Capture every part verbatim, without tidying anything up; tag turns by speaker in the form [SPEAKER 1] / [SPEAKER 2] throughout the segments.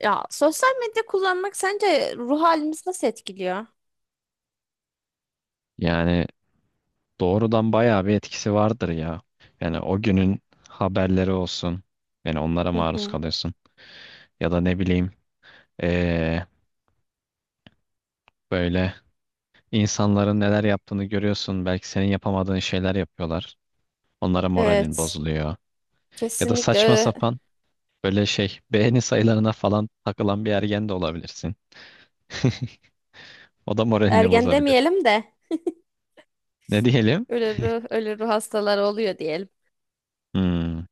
[SPEAKER 1] Ya sosyal medya kullanmak sence ruh halimizi nasıl etkiliyor?
[SPEAKER 2] Yani doğrudan bayağı bir etkisi vardır ya. Yani o günün haberleri olsun. Yani onlara
[SPEAKER 1] Hı
[SPEAKER 2] maruz
[SPEAKER 1] hı.
[SPEAKER 2] kalıyorsun. Ya da ne bileyim eee, böyle insanların neler yaptığını görüyorsun. Belki senin yapamadığın şeyler yapıyorlar. Onlara moralin
[SPEAKER 1] Evet,
[SPEAKER 2] bozuluyor. Ya da
[SPEAKER 1] kesinlikle
[SPEAKER 2] saçma
[SPEAKER 1] öyle.
[SPEAKER 2] sapan böyle şey beğeni sayılarına falan takılan bir ergen de olabilirsin. O da moralini
[SPEAKER 1] Ergen
[SPEAKER 2] bozabilir.
[SPEAKER 1] demeyelim de
[SPEAKER 2] Ne diyelim?
[SPEAKER 1] ölü ruh, ölü ruh hastaları oluyor diyelim.
[SPEAKER 2] Hmm.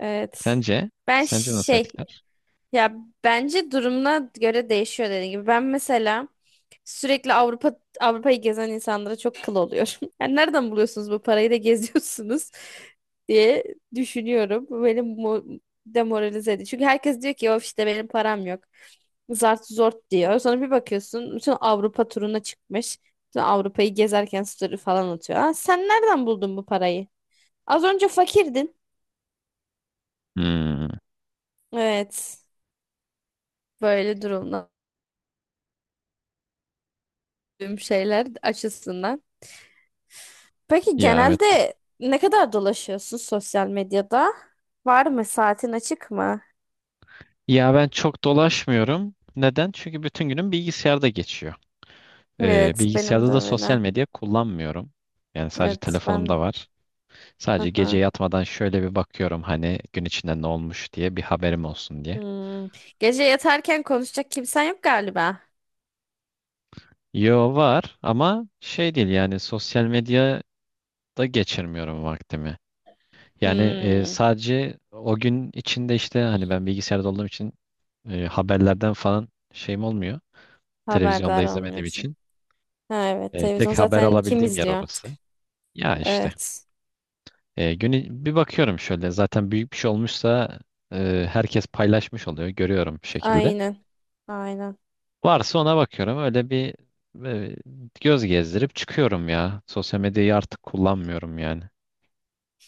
[SPEAKER 1] Evet.
[SPEAKER 2] Sence?
[SPEAKER 1] Ben
[SPEAKER 2] Sence nasıl
[SPEAKER 1] şey
[SPEAKER 2] etkiler?
[SPEAKER 1] Ya bence durumuna göre değişiyor dediğim gibi. Ben mesela sürekli Avrupa Avrupa'yı gezen insanlara çok kıl oluyorum. Yani nereden buluyorsunuz bu parayı da geziyorsunuz diye düşünüyorum. Bu beni mo- demoralize ediyor. Çünkü herkes diyor ki of işte benim param yok. Zart zort diyor. Sonra bir bakıyorsun bütün Avrupa turuna çıkmış. Bütün Avrupa'yı gezerken story falan atıyor. Aa, sen nereden buldun bu parayı? Az önce fakirdin.
[SPEAKER 2] Hmm.
[SPEAKER 1] Evet. Böyle durumlar şeyler açısından. Peki
[SPEAKER 2] Ya evet.
[SPEAKER 1] genelde ne kadar dolaşıyorsun sosyal medyada? Var mı? Saatin açık mı?
[SPEAKER 2] Ya ben çok dolaşmıyorum. Neden? Çünkü bütün günüm bilgisayarda geçiyor. Ee,
[SPEAKER 1] Evet, benim de
[SPEAKER 2] bilgisayarda da sosyal
[SPEAKER 1] öyle.
[SPEAKER 2] medya kullanmıyorum. Yani sadece
[SPEAKER 1] Evet, ben.
[SPEAKER 2] telefonumda var. Sadece
[SPEAKER 1] Hı
[SPEAKER 2] gece
[SPEAKER 1] hı.
[SPEAKER 2] yatmadan şöyle bir bakıyorum, hani gün içinde ne olmuş diye bir haberim olsun diye.
[SPEAKER 1] Hmm. Gece yatarken konuşacak kimsen yok galiba.
[SPEAKER 2] Yo var, ama şey değil, yani sosyal medyada geçirmiyorum vaktimi. Yani e,
[SPEAKER 1] Hmm.
[SPEAKER 2] sadece o gün içinde işte hani ben bilgisayarda olduğum için e, haberlerden falan şeyim olmuyor. Televizyonda
[SPEAKER 1] Haberdar
[SPEAKER 2] izlemediğim
[SPEAKER 1] olmuyorsun.
[SPEAKER 2] için.
[SPEAKER 1] Ha, evet,
[SPEAKER 2] E,
[SPEAKER 1] televizyon
[SPEAKER 2] tek haber
[SPEAKER 1] zaten kim
[SPEAKER 2] alabildiğim yer
[SPEAKER 1] izliyor artık?
[SPEAKER 2] orası. Ya işte
[SPEAKER 1] Evet.
[SPEAKER 2] e, günü bir bakıyorum şöyle, zaten büyük bir şey olmuşsa e, herkes paylaşmış oluyor, görüyorum bir şekilde.
[SPEAKER 1] Aynen. Aynen.
[SPEAKER 2] Varsa ona bakıyorum, öyle bir e, göz gezdirip çıkıyorum ya. Sosyal medyayı artık kullanmıyorum yani.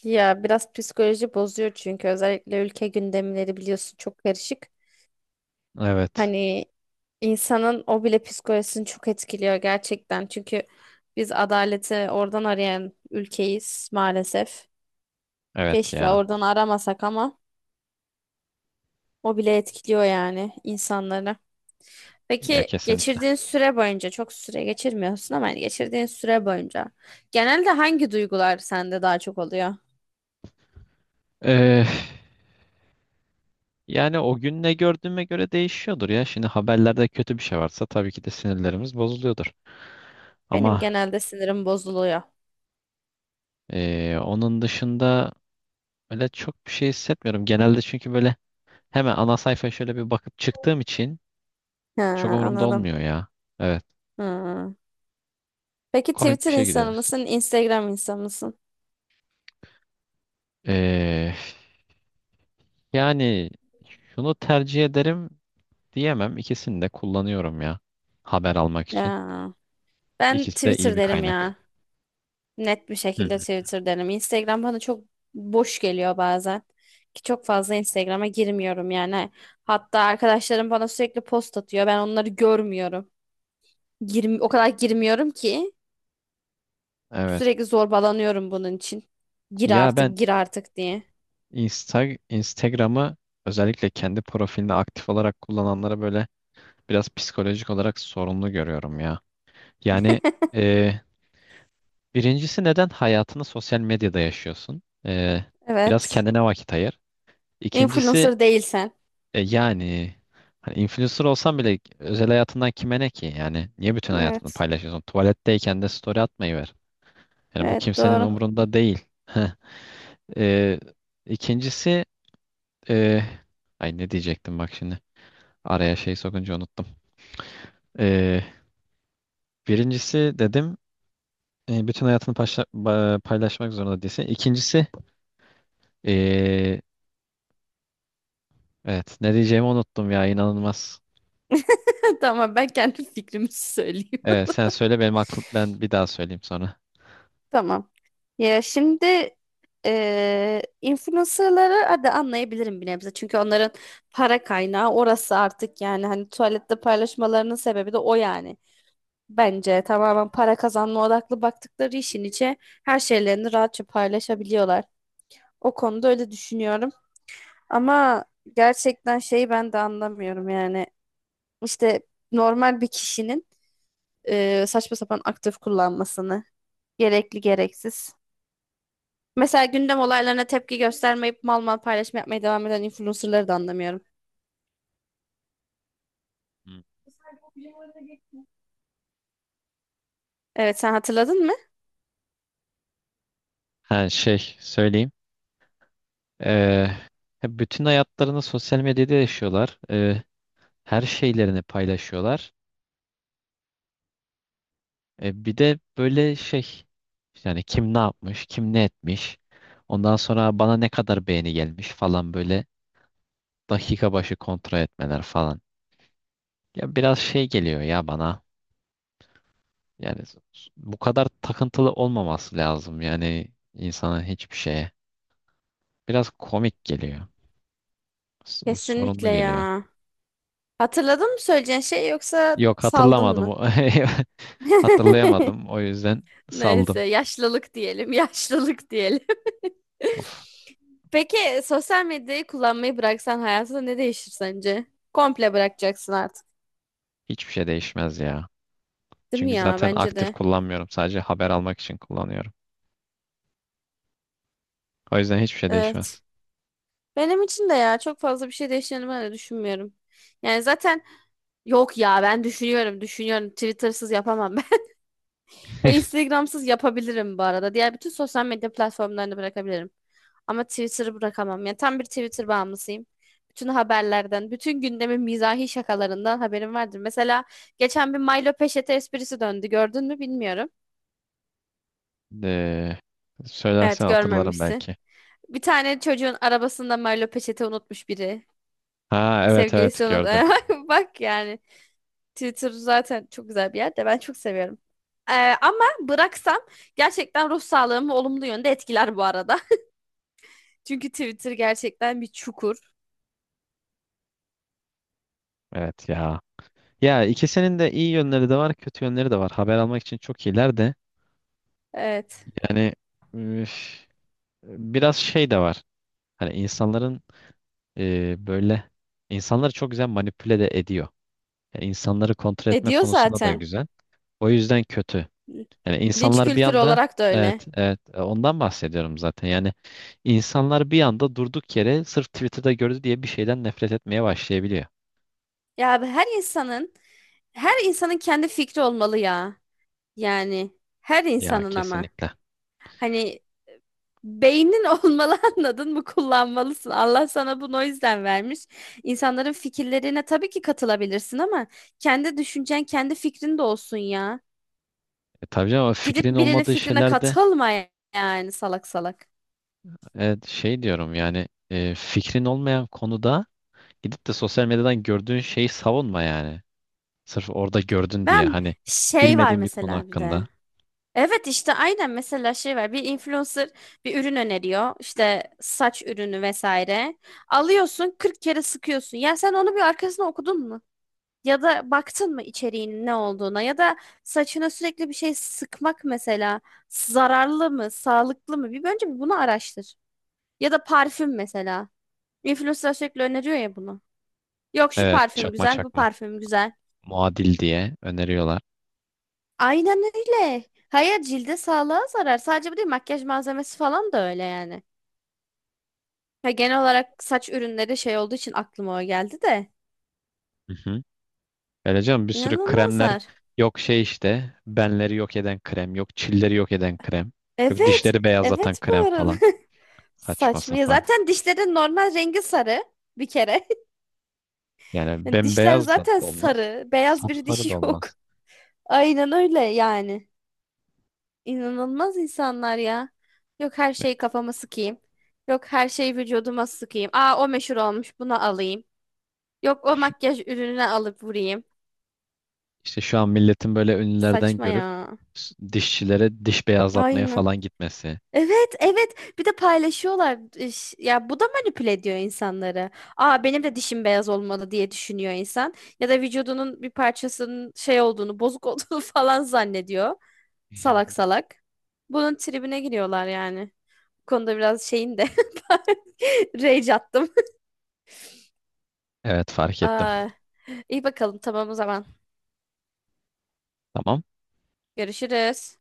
[SPEAKER 1] Ya biraz psikoloji bozuyor çünkü özellikle ülke gündemleri biliyorsun çok karışık.
[SPEAKER 2] Evet.
[SPEAKER 1] Hani insanın o bile psikolojisini çok etkiliyor gerçekten. Çünkü biz adaleti oradan arayan ülkeyiz maalesef.
[SPEAKER 2] Evet
[SPEAKER 1] Keşke
[SPEAKER 2] ya.
[SPEAKER 1] oradan aramasak ama o bile etkiliyor yani insanları.
[SPEAKER 2] Ya
[SPEAKER 1] Peki
[SPEAKER 2] kesinlikle.
[SPEAKER 1] geçirdiğin süre boyunca çok süre geçirmiyorsun ama yani geçirdiğin süre boyunca genelde hangi duygular sende daha çok oluyor?
[SPEAKER 2] E, yani o gün ne gördüğüme göre değişiyordur ya. Şimdi haberlerde kötü bir şey varsa tabii ki de sinirlerimiz bozuluyordur.
[SPEAKER 1] Benim
[SPEAKER 2] Ama
[SPEAKER 1] genelde sinirim bozuluyor.
[SPEAKER 2] e, onun dışında öyle çok bir şey hissetmiyorum. Genelde, çünkü böyle hemen ana sayfaya şöyle bir bakıp çıktığım için
[SPEAKER 1] Ha,
[SPEAKER 2] çok umurumda
[SPEAKER 1] anladım.
[SPEAKER 2] olmuyor ya. Evet.
[SPEAKER 1] Hı. Peki
[SPEAKER 2] Komik bir
[SPEAKER 1] Twitter
[SPEAKER 2] şey
[SPEAKER 1] insanı
[SPEAKER 2] gidiyoruz.
[SPEAKER 1] mısın, Instagram insanı mısın?
[SPEAKER 2] Ee, Yani şunu tercih ederim diyemem. İkisini de kullanıyorum ya. Haber almak için.
[SPEAKER 1] Ya ben
[SPEAKER 2] İkisi de iyi
[SPEAKER 1] Twitter
[SPEAKER 2] bir
[SPEAKER 1] derim
[SPEAKER 2] kaynak.
[SPEAKER 1] ya. Net bir
[SPEAKER 2] Hı
[SPEAKER 1] şekilde
[SPEAKER 2] hı.
[SPEAKER 1] Twitter derim. Instagram bana çok boş geliyor bazen. Ki çok fazla Instagram'a girmiyorum yani. Hatta arkadaşlarım bana sürekli post atıyor. Ben onları görmüyorum. Girim, o kadar girmiyorum ki
[SPEAKER 2] Evet.
[SPEAKER 1] sürekli zorbalanıyorum bunun için. Gir
[SPEAKER 2] Ya ben
[SPEAKER 1] artık, gir artık diye.
[SPEAKER 2] Insta Instagram'ı özellikle kendi profilinde aktif olarak kullananlara böyle biraz psikolojik olarak sorunlu görüyorum ya. Yani e, birincisi, neden hayatını sosyal medyada yaşıyorsun? Ee, biraz
[SPEAKER 1] Evet.
[SPEAKER 2] kendine vakit ayır. İkincisi,
[SPEAKER 1] Influencer değilsen.
[SPEAKER 2] e, yani hani influencer olsan bile özel hayatından kime ne ki? Yani niye bütün hayatını
[SPEAKER 1] Evet.
[SPEAKER 2] paylaşıyorsun? Tuvaletteyken de story atmayı ver. Yani bu
[SPEAKER 1] Evet
[SPEAKER 2] kimsenin
[SPEAKER 1] doğru.
[SPEAKER 2] umurunda değil. Heh. Ee, ikincisi e, ay ne diyecektim bak şimdi. Araya şey sokunca unuttum. Ee, Birincisi dedim, e, bütün hayatını paşla- ba- paylaşmak zorunda değilsin. İkincisi e, evet. Ne diyeceğimi unuttum ya. İnanılmaz.
[SPEAKER 1] Tamam ben kendi fikrimi söyleyeyim.
[SPEAKER 2] Evet, sen söyle, benim aklım, ben bir daha söyleyeyim sonra.
[SPEAKER 1] Tamam. Ya şimdi eee influencerları hadi anlayabilirim bir nebze. Çünkü onların para kaynağı orası artık yani hani tuvalette paylaşmalarının sebebi de o yani. Bence tamamen para kazanma odaklı baktıkları işin içe her şeylerini rahatça paylaşabiliyorlar. O konuda öyle düşünüyorum. Ama gerçekten şeyi ben de anlamıyorum yani. İşte normal bir kişinin eee, saçma sapan aktif kullanmasını gerekli gereksiz. Mesela gündem olaylarına tepki göstermeyip mal mal paylaşım yapmaya devam eden influencerları da anlamıyorum.
[SPEAKER 2] Hı.
[SPEAKER 1] Evet sen hatırladın mı?
[SPEAKER 2] Ha, şey söyleyeyim. Ee, Bütün hayatlarını sosyal medyada yaşıyorlar. Ee, her şeylerini paylaşıyorlar. Ee, bir de böyle şey, yani kim ne yapmış, kim ne etmiş. Ondan sonra bana ne kadar beğeni gelmiş falan, böyle dakika başı kontrol etmeler falan. Ya biraz şey geliyor ya bana. Yani bu kadar takıntılı olmaması lazım yani insana, hiçbir şeye. Biraz komik geliyor. S- Sorunlu
[SPEAKER 1] Kesinlikle
[SPEAKER 2] geliyor.
[SPEAKER 1] ya. Hatırladın mı söyleyeceğin şey yoksa
[SPEAKER 2] Yok,
[SPEAKER 1] saldın
[SPEAKER 2] hatırlamadım.
[SPEAKER 1] mı?
[SPEAKER 2] Hatırlayamadım. O yüzden saldım.
[SPEAKER 1] Neyse yaşlılık diyelim, yaşlılık diyelim.
[SPEAKER 2] Of.
[SPEAKER 1] Peki sosyal medyayı kullanmayı bıraksan hayatında ne değişir sence? Komple bırakacaksın artık.
[SPEAKER 2] Hiçbir şey değişmez ya.
[SPEAKER 1] Değil mi
[SPEAKER 2] Çünkü
[SPEAKER 1] ya?
[SPEAKER 2] zaten
[SPEAKER 1] Bence
[SPEAKER 2] aktif
[SPEAKER 1] de.
[SPEAKER 2] kullanmıyorum. Sadece haber almak için kullanıyorum. O yüzden hiçbir şey
[SPEAKER 1] Evet.
[SPEAKER 2] değişmez.
[SPEAKER 1] Benim için de ya çok fazla bir şey değişeceğini ben de düşünmüyorum. Yani zaten yok ya, ben düşünüyorum düşünüyorum. Twitter'sız yapamam ben. Instagram'sız yapabilirim bu arada. Diğer bütün sosyal medya platformlarını bırakabilirim. Ama Twitter'ı bırakamam. Yani tam bir Twitter bağımlısıyım. Bütün haberlerden, bütün gündemin mizahi şakalarından haberim vardır. Mesela geçen bir Milo Peşete esprisi döndü. Gördün mü bilmiyorum.
[SPEAKER 2] De, söylersen
[SPEAKER 1] Evet
[SPEAKER 2] hatırlarım
[SPEAKER 1] görmemişsin.
[SPEAKER 2] belki.
[SPEAKER 1] Bir tane çocuğun arabasında Milo Peşete unutmuş biri.
[SPEAKER 2] Ha, evet evet,
[SPEAKER 1] Sevgilisi unut.
[SPEAKER 2] gördüm.
[SPEAKER 1] Bak yani. Twitter zaten çok güzel bir yer de ben çok seviyorum. Ee, ama bıraksam gerçekten ruh sağlığımı olumlu yönde etkiler bu arada. Çünkü Twitter gerçekten bir çukur.
[SPEAKER 2] Evet ya. Ya ikisinin de iyi yönleri de var, kötü yönleri de var. Haber almak için çok iyiler de.
[SPEAKER 1] Evet.
[SPEAKER 2] Yani üf, biraz şey de var. Hani insanların e, böyle insanları çok güzel manipüle de ediyor. Yani insanları kontrol etme
[SPEAKER 1] Ediyor
[SPEAKER 2] konusunda da
[SPEAKER 1] zaten.
[SPEAKER 2] güzel. O yüzden kötü. Yani
[SPEAKER 1] Linç
[SPEAKER 2] insanlar bir
[SPEAKER 1] kültürü
[SPEAKER 2] anda
[SPEAKER 1] olarak da
[SPEAKER 2] evet
[SPEAKER 1] öyle.
[SPEAKER 2] evet, e, ondan bahsediyorum zaten. Yani insanlar bir anda durduk yere sırf Twitter'da gördü diye bir şeyden nefret etmeye başlayabiliyor.
[SPEAKER 1] Ya abi, her insanın her insanın kendi fikri olmalı ya. Yani her
[SPEAKER 2] Ya
[SPEAKER 1] insanın ama.
[SPEAKER 2] kesinlikle.
[SPEAKER 1] Hani beynin olmalı anladın mı? Kullanmalısın. Allah sana bunu o yüzden vermiş. İnsanların fikirlerine tabii ki katılabilirsin ama kendi düşüncen, kendi fikrin de olsun ya.
[SPEAKER 2] E, tabii canım, ama
[SPEAKER 1] Gidip
[SPEAKER 2] fikrin
[SPEAKER 1] birinin
[SPEAKER 2] olmadığı
[SPEAKER 1] fikrine
[SPEAKER 2] şeylerde
[SPEAKER 1] katılma yani, salak salak.
[SPEAKER 2] evet, şey diyorum, yani e, fikrin olmayan konuda gidip de sosyal medyadan gördüğün şeyi savunma yani. Sırf orada gördün diye,
[SPEAKER 1] Ben
[SPEAKER 2] hani
[SPEAKER 1] şey var
[SPEAKER 2] bilmediğin bir konu
[SPEAKER 1] mesela bir de.
[SPEAKER 2] hakkında.
[SPEAKER 1] Evet işte aynen, mesela şey var. Bir influencer bir ürün öneriyor, işte saç ürünü vesaire. Alıyorsun kırk kere sıkıyorsun. Ya sen onu bir arkasına okudun mu? Ya da baktın mı içeriğinin ne olduğuna, ya da saçına sürekli bir şey sıkmak mesela zararlı mı, sağlıklı mı? Bir önce bir bunu araştır. Ya da parfüm mesela. Influencer sürekli öneriyor ya bunu. Yok şu
[SPEAKER 2] Evet,
[SPEAKER 1] parfüm
[SPEAKER 2] çakma
[SPEAKER 1] güzel, bu
[SPEAKER 2] çakma.
[SPEAKER 1] parfüm güzel.
[SPEAKER 2] Muadil diye öneriyorlar.
[SPEAKER 1] Aynen öyle. Hayır, cilde sağlığa zarar. Sadece bu değil, makyaj malzemesi falan da öyle yani. Ya genel olarak saç ürünleri şey olduğu için aklıma o geldi de.
[SPEAKER 2] Hı hı. Öyle canım, bir sürü kremler,
[SPEAKER 1] İnanılmazlar.
[SPEAKER 2] yok şey işte benleri yok eden krem, yok çilleri yok eden krem, yok
[SPEAKER 1] Evet.
[SPEAKER 2] dişleri beyazlatan
[SPEAKER 1] Evet bu
[SPEAKER 2] krem
[SPEAKER 1] arada.
[SPEAKER 2] falan, saçma
[SPEAKER 1] Saçma ya.
[SPEAKER 2] sapan.
[SPEAKER 1] Zaten dişlerin normal rengi sarı bir kere.
[SPEAKER 2] Yani
[SPEAKER 1] Yani dişler
[SPEAKER 2] bembeyaz da
[SPEAKER 1] zaten
[SPEAKER 2] olmaz,
[SPEAKER 1] sarı. Beyaz bir
[SPEAKER 2] sapsarı
[SPEAKER 1] dişi
[SPEAKER 2] da
[SPEAKER 1] yok.
[SPEAKER 2] olmaz.
[SPEAKER 1] Aynen öyle yani. İnanılmaz insanlar ya. Yok her şeyi kafama sıkayım. Yok her şeyi vücuduma sıkayım. Aa, o meşhur olmuş, buna alayım. Yok o makyaj ürününe alıp vurayım.
[SPEAKER 2] İşte şu an milletin böyle ünlülerden
[SPEAKER 1] Saçma
[SPEAKER 2] görüp
[SPEAKER 1] ya.
[SPEAKER 2] s- dişçilere diş beyazlatmaya
[SPEAKER 1] Aynen.
[SPEAKER 2] falan gitmesi.
[SPEAKER 1] Evet, evet. Bir de paylaşıyorlar. İş- ya bu da manipüle ediyor insanları. Aa, benim de dişim beyaz olmalı diye düşünüyor insan. Ya da vücudunun bir parçasının şey olduğunu, bozuk olduğunu falan zannediyor. Salak salak. Bunun tribine giriyorlar yani. Bu konuda biraz şeyim de rage attım.
[SPEAKER 2] Evet, fark ettim.
[SPEAKER 1] Aa, iyi bakalım, tamam o zaman.
[SPEAKER 2] Tamam.
[SPEAKER 1] Görüşürüz.